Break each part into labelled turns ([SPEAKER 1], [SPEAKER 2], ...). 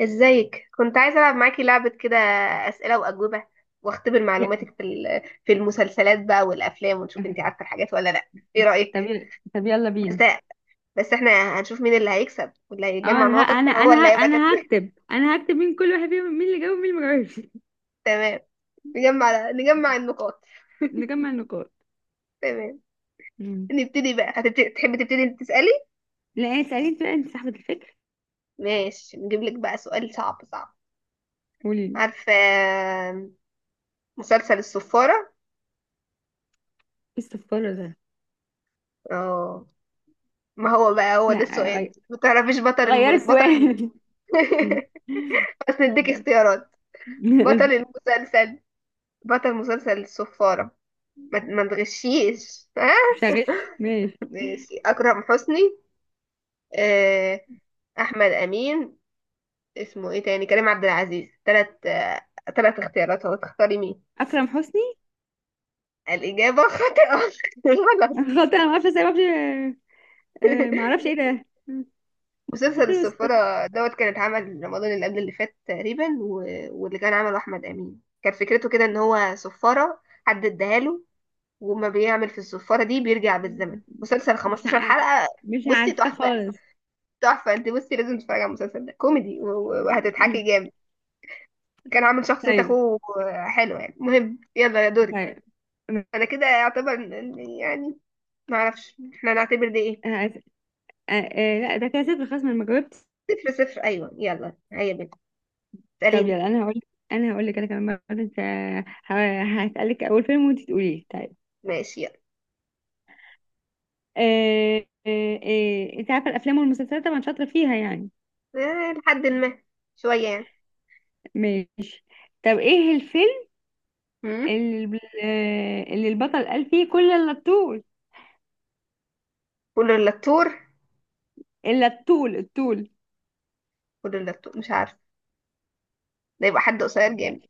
[SPEAKER 1] ازيك؟ كنت عايزة ألعب معاكي لعبة كده، أسئلة وأجوبة، واختبر معلوماتك
[SPEAKER 2] ي-
[SPEAKER 1] في المسلسلات بقى والأفلام، ونشوف انتي عارفة الحاجات ولا لأ. ايه رأيك؟
[SPEAKER 2] طب يل- طب يلا
[SPEAKER 1] بس
[SPEAKER 2] بينا.
[SPEAKER 1] بس احنا هنشوف مين اللي هيكسب، واللي
[SPEAKER 2] اه
[SPEAKER 1] هيجمع
[SPEAKER 2] انا
[SPEAKER 1] نقط
[SPEAKER 2] ه...
[SPEAKER 1] أكتر
[SPEAKER 2] انا
[SPEAKER 1] هو
[SPEAKER 2] انا
[SPEAKER 1] اللي
[SPEAKER 2] ه...
[SPEAKER 1] هيبقى
[SPEAKER 2] انا
[SPEAKER 1] كسبان.
[SPEAKER 2] هكتب انا هكتب مين كل واحد فيهم، مين اللي جاوب ومين اللي ما جاوبش.
[SPEAKER 1] تمام. نجمع النقاط.
[SPEAKER 2] نجمع النقاط.
[SPEAKER 1] تمام.
[SPEAKER 2] مم.
[SPEAKER 1] نبتدي بقى، هتبتدي، تحبي تبتدي انت تسألي؟
[SPEAKER 2] لا، اسالي انت بقى، انت صاحبة الفكر.
[SPEAKER 1] ماشي، نجيب لك بقى سؤال صعب صعب.
[SPEAKER 2] قولي لي.
[SPEAKER 1] عارفة مسلسل الصفارة؟
[SPEAKER 2] ايه الصفارة ده؟
[SPEAKER 1] اه. ما هو بقى هو ده
[SPEAKER 2] لا،
[SPEAKER 1] السؤال،
[SPEAKER 2] غير
[SPEAKER 1] ما تعرفيش
[SPEAKER 2] غير السؤال.
[SPEAKER 1] بس نديك اختيارات. بطل المسلسل، بطل مسلسل الصفارة. ما تغشيش ها.
[SPEAKER 2] شغال ماشي.
[SPEAKER 1] ماشي، أكرم حسني، آه، أحمد أمين، اسمه ايه تاني، كريم عبد العزيز. تلات تلات اختيارات، هو تختاري مين؟
[SPEAKER 2] اكرم حسني.
[SPEAKER 1] الإجابة خاطئة. غلط.
[SPEAKER 2] غلط. انا ما اعرفش ازاي، ما اعرفش. ما اعرفش ايه ده. ايه
[SPEAKER 1] مسلسل
[SPEAKER 2] فيلم الصفارة
[SPEAKER 1] الصفارة دوت كان اتعمل رمضان اللي قبل اللي فات تقريبا واللي كان عمله أحمد أمين. كان فكرته كده إن هو صفارة حد اداها له، وما بيعمل في الصفارة دي بيرجع بالزمن.
[SPEAKER 2] ده؟
[SPEAKER 1] مسلسل
[SPEAKER 2] مش
[SPEAKER 1] 15
[SPEAKER 2] عارف.
[SPEAKER 1] حلقة.
[SPEAKER 2] مش
[SPEAKER 1] بصي،
[SPEAKER 2] عارفه
[SPEAKER 1] تحفة.
[SPEAKER 2] خالص.
[SPEAKER 1] تحفة. انت بصي، لازم تتفرجي على المسلسل ده، كوميدي وهتضحكي جامد. كان عامل شخصية
[SPEAKER 2] طيب.
[SPEAKER 1] اخوه. حلوة يعني. المهم، يلا يا دورك.
[SPEAKER 2] طيب.
[SPEAKER 1] انا كده اعتبر يعني، ما اعرفش احنا نعتبر ده ايه.
[SPEAKER 2] آه آه، لا ده كده صفر خلاص، ما أنا ما جاوبتش.
[SPEAKER 1] صفر صفر، ايوه. يلا هيا بنت،
[SPEAKER 2] طب
[SPEAKER 1] اسأليني.
[SPEAKER 2] يلا انا هقول. انا هقول لك، انا كمان مرة، انت هسألك اول فيلم وانت تقوليه، طيب؟
[SPEAKER 1] ماشي يلا.
[SPEAKER 2] آه آه. انت عارفة الافلام والمسلسلات طبعا، شاطرة فيها يعني.
[SPEAKER 1] لحد ما، شوية يعني.
[SPEAKER 2] ماشي. طب ايه الفيلم
[SPEAKER 1] امم
[SPEAKER 2] اللي البطل قال فيه كل الطول؟
[SPEAKER 1] كل اللتور
[SPEAKER 2] الا الطول الطول.
[SPEAKER 1] كل اللتور مش عارفة. ده يبقى حد قصير جامد،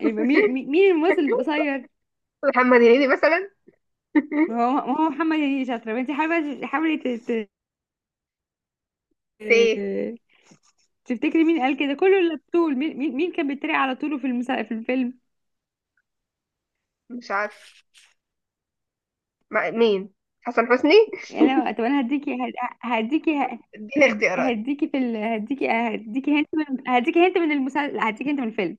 [SPEAKER 2] يبقى مين الممثل القصير؟
[SPEAKER 1] محمد هنيدي مثلا.
[SPEAKER 2] ما هو محمد هنيدي. شاطرة انت، حاولي حاولي.
[SPEAKER 1] في ايه؟
[SPEAKER 2] آه، تفتكري مين قال كده كله، اللي بتقول مين كان بيتريق على طوله في الفيلم؟
[SPEAKER 1] مش عارفة. مع مين؟ حسن حسني.
[SPEAKER 2] يعني انا طب انا هديكي هد- هديكي ه-
[SPEAKER 1] اديني اختيارات.
[SPEAKER 2] هديكي هنت من المسلسل، هديكي هنت من الفيلم.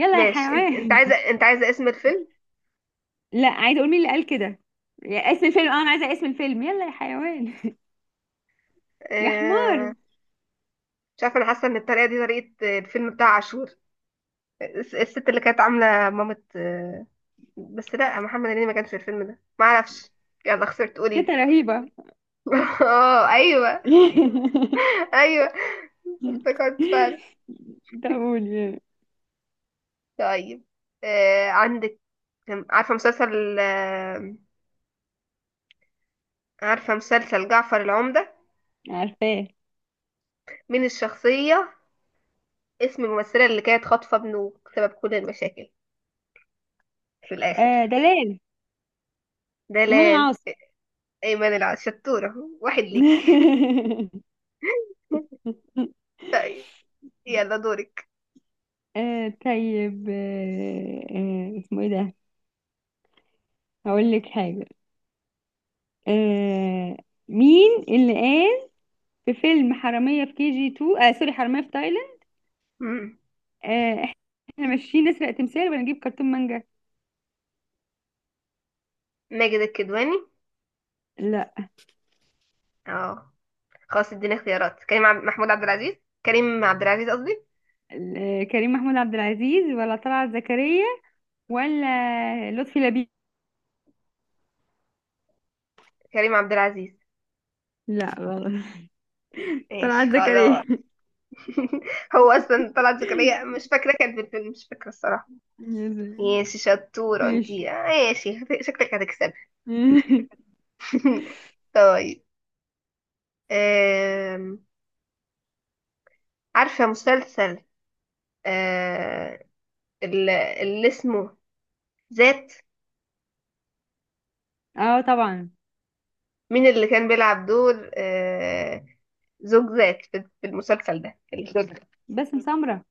[SPEAKER 2] يلا يا
[SPEAKER 1] ماشي. ان- انت
[SPEAKER 2] حيوان.
[SPEAKER 1] عايزه انت عايزه اسم الفيلم؟
[SPEAKER 2] لا، عايزه اقول مين اللي قال كده. يا اسم الفيلم، اه انا عايزه اسم الفيلم، يلا يا حيوان. يا
[SPEAKER 1] آه...
[SPEAKER 2] حمار.
[SPEAKER 1] مش عارفه. انا حاسه ان الطريقه دي طريقه الفيلم بتاع عاشور، الست اللي كانت عامله مامة. بس لا، محمد هنيدي ما كانش في الفيلم ده. ما اعرفش. يلا خسرت، قولي
[SPEAKER 2] تيتا
[SPEAKER 1] لي.
[SPEAKER 2] رهيبه.
[SPEAKER 1] اه ايوه. ايوه، افتكرت فعلا.
[SPEAKER 2] ده قول.
[SPEAKER 1] طيب، عندك. عارفه مسلسل جعفر العمدة؟
[SPEAKER 2] عارفاه.
[SPEAKER 1] مين الشخصيه؟ اسم الممثله اللي كانت خاطفه ابنه، سبب كل المشاكل في الآخر.
[SPEAKER 2] دلال. ايمان
[SPEAKER 1] دلال.
[SPEAKER 2] العاصي.
[SPEAKER 1] أيمن شطورة. واحد ليكي. يلا دورك.
[SPEAKER 2] طيب. اسمه ايه ده؟ هقول لك حاجة. آه مين اللي قال في فيلم حرامية في كي جي 2، سوري، حرامية في تايلاند.
[SPEAKER 1] مم.
[SPEAKER 2] آه احنا ماشيين نسرق تمثال ونجيب كرتون مانجا.
[SPEAKER 1] ماجد الكدواني.
[SPEAKER 2] لا.
[SPEAKER 1] اه. خلاص اديني اختيارات. محمود عبد العزيز. كريم عبد العزيز قصدي.
[SPEAKER 2] كريم محمود عبد العزيز، ولا طلعت زكريا، ولا لطفي لبيب؟
[SPEAKER 1] كريم عبد العزيز.
[SPEAKER 2] لا غلط. طلعت
[SPEAKER 1] ماشي
[SPEAKER 2] زكريا.
[SPEAKER 1] خلاص. هو اصلا طلعت زكريا مش فاكره كانت في الفيلم، مش فاكره الصراحه.
[SPEAKER 2] يا سلام.
[SPEAKER 1] ماشي، شطوره
[SPEAKER 2] ماشي.
[SPEAKER 1] انتي. ماشي، شكلك هتكسبي. طيب. آم، عارفه مسلسل آه، اللي اسمه ذات؟
[SPEAKER 2] اه طبعا.
[SPEAKER 1] مين اللي كان بيلعب دور زوج ذات في المسلسل ده، الزوج.
[SPEAKER 2] باسم سمرة.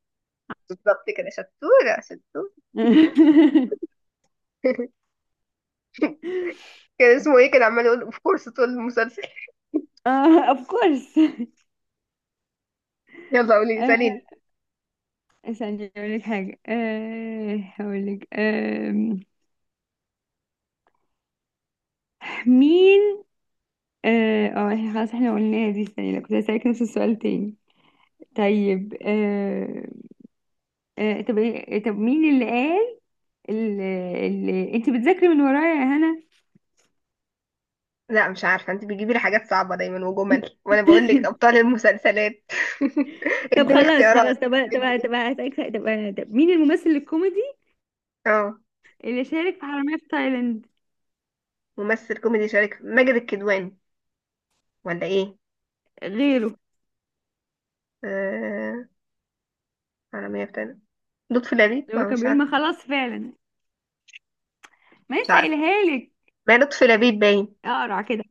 [SPEAKER 1] بالظبط كده، شطورة شطورة. كان اسمه ايه؟ كان عمال يقول اوف كورس طول المسلسل.
[SPEAKER 2] اه اوف كورس.
[SPEAKER 1] يلا قولي
[SPEAKER 2] آه،
[SPEAKER 1] ساليني.
[SPEAKER 2] استني اقول لك حاجه. هقول لك. مين؟ إحنا خلاص، احنا قلناها دي. استني، لا كنت هسألك نفس السؤال تاني. طيب. أه أه طب إيه- آه، طب مين اللي قال اللي انت بتذاكري من ورايا يا هنا؟
[SPEAKER 1] لا مش عارفة، انت بتجيبي لي حاجات صعبة دايما وجمل، وانا بقول لك ابطال المسلسلات.
[SPEAKER 2] طب
[SPEAKER 1] اديني
[SPEAKER 2] خلاص خلاص،
[SPEAKER 1] اختيارات. ادي
[SPEAKER 2] طب
[SPEAKER 1] ادي
[SPEAKER 2] هسألك سؤال. طب مين الممثل الكوميدي
[SPEAKER 1] اه.
[SPEAKER 2] اللي شارك في حرامية في تايلاند؟
[SPEAKER 1] ممثل كوميدي شارك ماجد الكدواني، ولا ايه؟
[SPEAKER 2] غيره.
[SPEAKER 1] آه... على مية بتاعنا لطفي لبيب.
[SPEAKER 2] اللي هو
[SPEAKER 1] ما
[SPEAKER 2] كان
[SPEAKER 1] مش
[SPEAKER 2] بيقول،
[SPEAKER 1] عارفة
[SPEAKER 2] ما خلاص فعلا، ما
[SPEAKER 1] مش
[SPEAKER 2] لسه
[SPEAKER 1] عارفة
[SPEAKER 2] قايلها لك.
[SPEAKER 1] ما لطفي لبيب باين.
[SPEAKER 2] اقرع كده،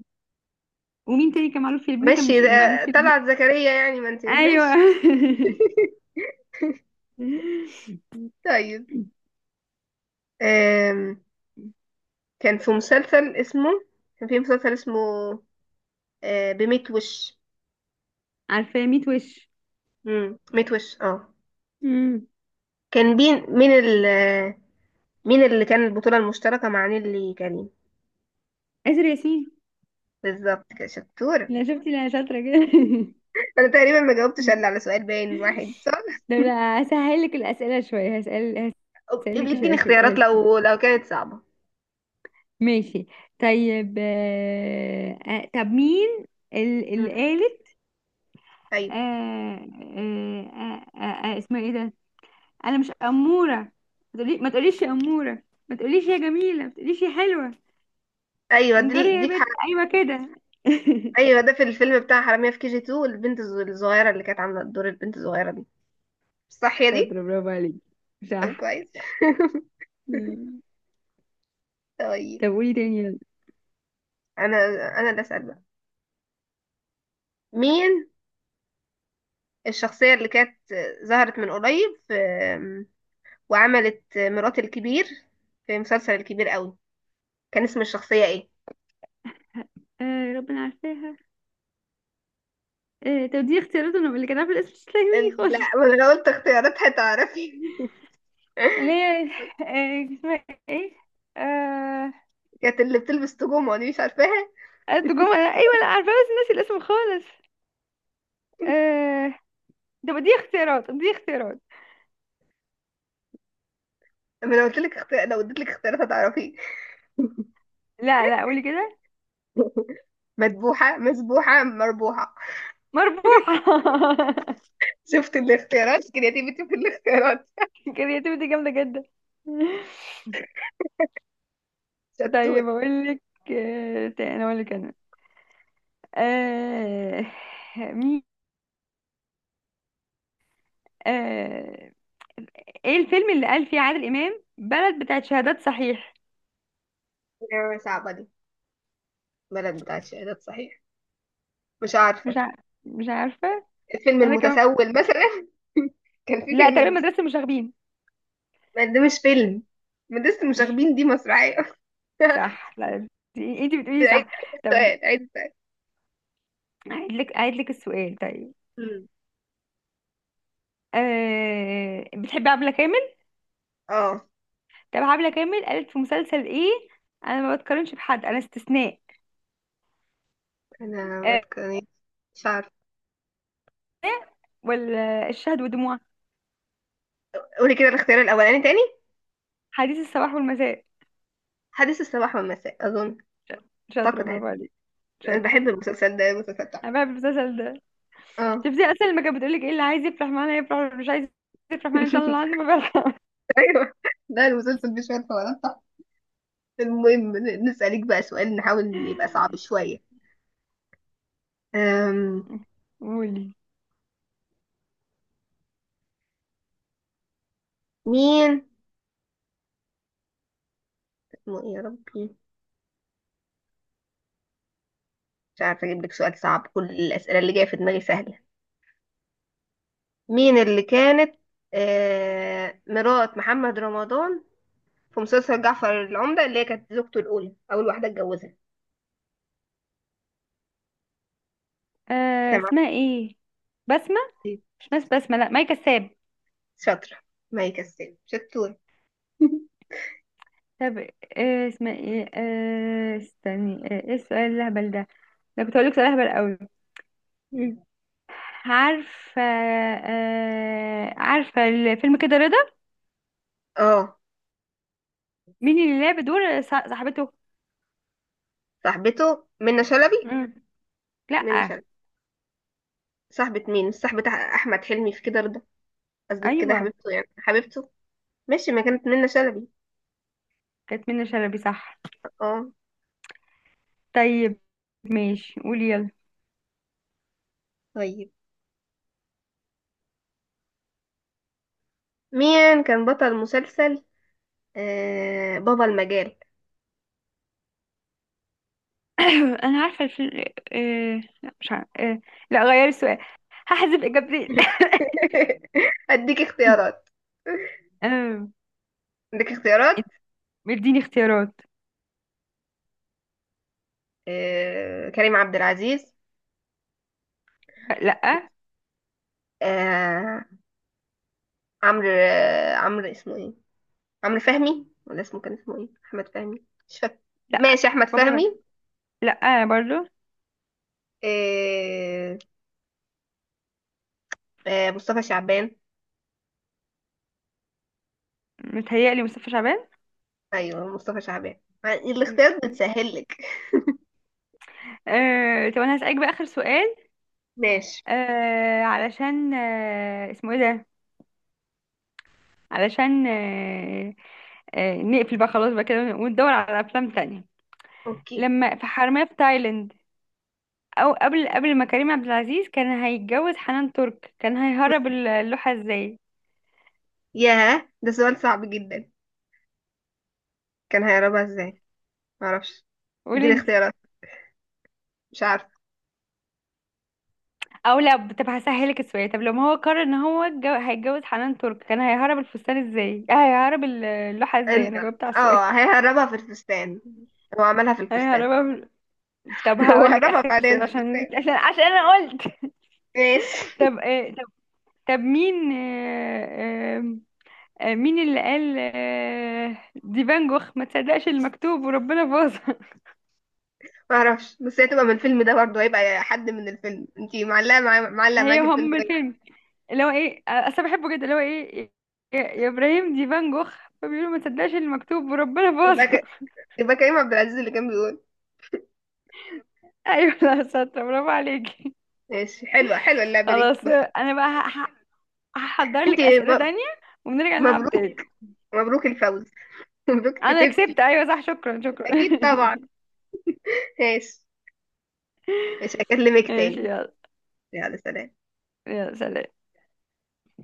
[SPEAKER 2] ومين تاني كان معروف في، مين كان
[SPEAKER 1] ماشي
[SPEAKER 2] مش
[SPEAKER 1] ده
[SPEAKER 2] معروف في.
[SPEAKER 1] طلعت زكريا يعني، ما انت
[SPEAKER 2] ايوه.
[SPEAKER 1] ماشي. طيب. آم، كان في مسلسل اسمه كان في مسلسل اسمه بميت وش.
[SPEAKER 2] عارفاه 100 وش.
[SPEAKER 1] ميت وش اه.
[SPEAKER 2] امم
[SPEAKER 1] كان بين مين مين اللي كان البطولة المشتركة مع نيللي كريم؟
[SPEAKER 2] آسر ياسين.
[SPEAKER 1] بالظبط كده، شطورة.
[SPEAKER 2] لا شفتي، لا شاطرة كده.
[SPEAKER 1] انا تقريبا ما جاوبتش الا على سؤال، باين واحد صح.
[SPEAKER 2] طب لا، هسهل لك الأسئلة شوية. هسأل، هسأل لك
[SPEAKER 1] يديني
[SPEAKER 2] شوية شوية.
[SPEAKER 1] اختيارات
[SPEAKER 2] هسأل.
[SPEAKER 1] لو كانت صعبة.
[SPEAKER 2] ماشي. طيب. طب مين اللي
[SPEAKER 1] مم.
[SPEAKER 2] قالت
[SPEAKER 1] ايوه،
[SPEAKER 2] اسمها ايه ده؟ انا مش أمورة. ما تقوليش يا أمورة، ما تقوليش يا جميلة، ما تقوليش يا حلوة.
[SPEAKER 1] ايوه،
[SPEAKER 2] انجري
[SPEAKER 1] دي
[SPEAKER 2] يا
[SPEAKER 1] دي في
[SPEAKER 2] بنت، ايوه كده.
[SPEAKER 1] ايوه ده في الفيلم بتاع حرامية في كي جي 2، البنت الصغيرة اللي كانت عاملة دور البنت الصغيرة دي، صح يا دي؟
[SPEAKER 2] شاطرة، برافو عليك.
[SPEAKER 1] طب
[SPEAKER 2] صح.
[SPEAKER 1] كويس.
[SPEAKER 2] مم.
[SPEAKER 1] طيب،
[SPEAKER 2] طب قولي تاني، يلا.
[SPEAKER 1] انا، انا اللي اسال بقى. مين الشخصية اللي كانت ظهرت من قريب في وعملت مرات الكبير في مسلسل الكبير قوي؟ كان اسم الشخصية ايه؟
[SPEAKER 2] ربنا عارفاها. طب دي اختيارات، انا اللي كان عارف الاسم مش هتلاقي مني
[SPEAKER 1] لا،
[SPEAKER 2] خالص.
[SPEAKER 1] ما انا لو قلت اختيارات هتعرفي.
[SPEAKER 2] اللي هي اسمها ايه؟ آه...
[SPEAKER 1] كانت اللي بتلبس تجوم دي، مش عارفاها؟
[SPEAKER 2] قالت جمعة. ايوه، لا عارفة بس ناسي الاسم خالص. آه... طب دي اختيارات، دي اختيارات.
[SPEAKER 1] ما انا لو قلت لك اختيار، لو اديت لك اختيارات هتعرفي.
[SPEAKER 2] لا لا، قولي كده.
[SPEAKER 1] مذبوحة، مذبوحة، مربوحة.
[SPEAKER 2] مربوحة.
[SPEAKER 1] شفت الاختيارات، كرياتيفيتي في الاختيارات.
[SPEAKER 2] كرياتيفيتي جامدة جدا.
[SPEAKER 1] شطور.
[SPEAKER 2] طيب اقول لك. تاني اقول لك انا. آه... مين؟ آه... ايه الفيلم اللي قال فيه عادل امام بلد بتاعت شهادات صحيح؟
[SPEAKER 1] نعمة صعبة دي. بلد بتاعت شهادات صحيح؟ مش
[SPEAKER 2] مش
[SPEAKER 1] عارفة.
[SPEAKER 2] ع... مش عارفه.
[SPEAKER 1] الفيلم
[SPEAKER 2] انا كمان.
[SPEAKER 1] المتسول مثلا. كان في
[SPEAKER 2] لا تقريبا مدرسه المشاغبين.
[SPEAKER 1] ما ده مش فيلم، ما ده لسه مش
[SPEAKER 2] مش.
[SPEAKER 1] واخدين، دي مسرحية.
[SPEAKER 2] صح، لا انت بتقولي صح. طب
[SPEAKER 1] عيد السؤال.
[SPEAKER 2] هعيد لك السؤال، طيب؟
[SPEAKER 1] مم.
[SPEAKER 2] بتحبي عبلة كامل؟
[SPEAKER 1] اه.
[SPEAKER 2] طب عبلة كامل قالت في مسلسل ايه؟ انا ما بتقارنش بحد، انا استثناء.
[SPEAKER 1] انا
[SPEAKER 2] أه...
[SPEAKER 1] بتكلم، مش عارفة.
[SPEAKER 2] ولا الشهد والدموع؟
[SPEAKER 1] قولي كده الاختيار الاولاني تاني.
[SPEAKER 2] حديث الصباح والمساء.
[SPEAKER 1] حديث الصباح والمساء اظن.
[SPEAKER 2] ش- شاطره،
[SPEAKER 1] اعتقد هت-
[SPEAKER 2] برافو عليك.
[SPEAKER 1] انا
[SPEAKER 2] شاطره،
[SPEAKER 1] بحب المسلسل ده، المسلسل بتاعه.
[SPEAKER 2] انا بحب المسلسل ده.
[SPEAKER 1] اه.
[SPEAKER 2] شفتي اصلا لما كانت بتقولك، ايه اللي عايز يفرح معانا يفرح، واللي مش عايز يفرح معانا ان شاء الله عنده ما بيرحم.
[SPEAKER 1] ايوه، ده المسلسل مش عارفة ولا. المهم نسألك بقى سؤال نحاول يبقى صعب شوية. أم...
[SPEAKER 2] قولي.
[SPEAKER 1] مين اسمه ايه يا ربي؟ مش عارفة اجيب لك سؤال صعب، كل الأسئلة اللي جاية في دماغي سهلة. مين اللي كانت مرات محمد رمضان في مسلسل جعفر العمدة، اللي هي كانت زوجته الأولى، أول واحدة اتجوزها؟ سمعت.
[SPEAKER 2] اسمها ايه؟ بسمة.
[SPEAKER 1] إيه؟
[SPEAKER 2] مش ناس بسمة، لا ماي كساب.
[SPEAKER 1] شاطرة. ما يكسب، شطورة.
[SPEAKER 2] طب، اسمها ايه؟ استني. ايه السؤال الهبل ده؟ ده كنت هقولك سؤال هبل قوي.
[SPEAKER 1] مم.
[SPEAKER 2] عارفة الفيلم كده رضا.
[SPEAKER 1] اه.
[SPEAKER 2] مين اللي لعب دور صاحبته؟
[SPEAKER 1] صاحبته. منى شلبي.
[SPEAKER 2] مم.
[SPEAKER 1] منى
[SPEAKER 2] لا.
[SPEAKER 1] شلبي. صاحبة مين؟ مش صاحبة أحمد حلمي في كده رضا. قصدك كده
[SPEAKER 2] ايوه
[SPEAKER 1] حبيبته، يعني حبيبته. ماشي، ما كانت منة شلبي.
[SPEAKER 2] كانت منى شلبي صح.
[SPEAKER 1] اه.
[SPEAKER 2] طيب، ماشي قولي يلا.
[SPEAKER 1] طيب، مين كان بطل مسلسل بابا المجال؟
[SPEAKER 2] انا عارفه الفيلم. لا مش عارفه. لا، غيري السؤال، هحذف اجابتي.
[SPEAKER 1] اديك اختيارات.
[SPEAKER 2] آه،
[SPEAKER 1] اديك اختيارات.
[SPEAKER 2] اديني اختيارات.
[SPEAKER 1] كريم عبد العزيز.
[SPEAKER 2] لا.
[SPEAKER 1] آه عمرو اسمه ايه، عمرو فهمي ولا اسمه كان اسمه ايه، احمد فهمي مش فاكر.
[SPEAKER 2] لا.
[SPEAKER 1] ماشي، احمد
[SPEAKER 2] بابا
[SPEAKER 1] فهمي.
[SPEAKER 2] المج... لا انا برضو.
[SPEAKER 1] آه مصطفى شعبان.
[SPEAKER 2] متهيألي مصطفى شعبان.
[SPEAKER 1] ايوه مصطفى شعبان. الاختيارات بتسهل لك.
[SPEAKER 2] طب انا هسألك بقى اخر سؤال.
[SPEAKER 1] ماشي.
[SPEAKER 2] علشان اسمه ايه ده؟ علشان نقفل بقى خلاص بقى كده، وندور على افلام تانية.
[SPEAKER 1] اوكي.
[SPEAKER 2] لما في حرامية في تايلاند، او قبل ما كريم عبد العزيز كان هيتجوز حنان ترك، كان هيهرب اللوحة ازاي؟
[SPEAKER 1] ياه، ده سؤال صعب جدا. كان هيهربها ازاي؟ معرفش.
[SPEAKER 2] قولي
[SPEAKER 1] اديني
[SPEAKER 2] انت.
[SPEAKER 1] اختيارات. مش عارفه.
[SPEAKER 2] او لا، طب هسهلك السؤال. طب لما هو قرر ان هو هيتجوز حنان ترك، كان هيهرب الفستان ازاي؟ هيهرب اللوحة ازاي؟
[SPEAKER 1] ال...
[SPEAKER 2] انا جاوبت على السؤال.
[SPEAKER 1] اه هيهربها في الفستان. هو عملها في الفستان.
[SPEAKER 2] هيهربها. طب
[SPEAKER 1] هو
[SPEAKER 2] هقول لك
[SPEAKER 1] هربها
[SPEAKER 2] اخر
[SPEAKER 1] فعليا
[SPEAKER 2] سؤال،
[SPEAKER 1] في الفستان.
[SPEAKER 2] عشان انا قلت.
[SPEAKER 1] ماشي.
[SPEAKER 2] طب، طب مين آه، آه، مين اللي قال، دي فان جوخ، ما تصدقش المكتوب وربنا باظ؟
[SPEAKER 1] معرفش، بس هي تبقى من الفيلم ده برضه، هيبقى حد من الفيلم. انتي معلقه معايا، معلقه
[SPEAKER 2] هي
[SPEAKER 1] معاكي الفيلم
[SPEAKER 2] هم
[SPEAKER 1] ده.
[SPEAKER 2] الفيلم اللي هو ايه، اصل أنا بحبه جدا، اللي هو ايه يا ابراهيم دي فان جوخ، فبيقولوا ما تصدقش اللي مكتوب وربنا
[SPEAKER 1] يبقى
[SPEAKER 2] باظها.
[SPEAKER 1] ك... يبقى كريم عبد العزيز اللي كان بيقول.
[SPEAKER 2] ايوه لا، شاطره، برافو عليكي.
[SPEAKER 1] ماشي، حلوه، حلوه اللعبه دي
[SPEAKER 2] خلاص
[SPEAKER 1] بس.
[SPEAKER 2] انا بقى هحضر لك
[SPEAKER 1] انتي
[SPEAKER 2] اسئله
[SPEAKER 1] م...
[SPEAKER 2] تانية ونرجع نلعب
[SPEAKER 1] مبروك،
[SPEAKER 2] تاني.
[SPEAKER 1] مبروك الفوز. مبروك
[SPEAKER 2] انا
[SPEAKER 1] كسبتي.
[SPEAKER 2] كسبت، ايوه صح، شكرا شكرا.
[SPEAKER 1] اكيد طبعا. ماشي. مش هكلمك
[SPEAKER 2] ماشي
[SPEAKER 1] تاني.
[SPEAKER 2] يلا.
[SPEAKER 1] يلا سلام.
[SPEAKER 2] يلا سلام.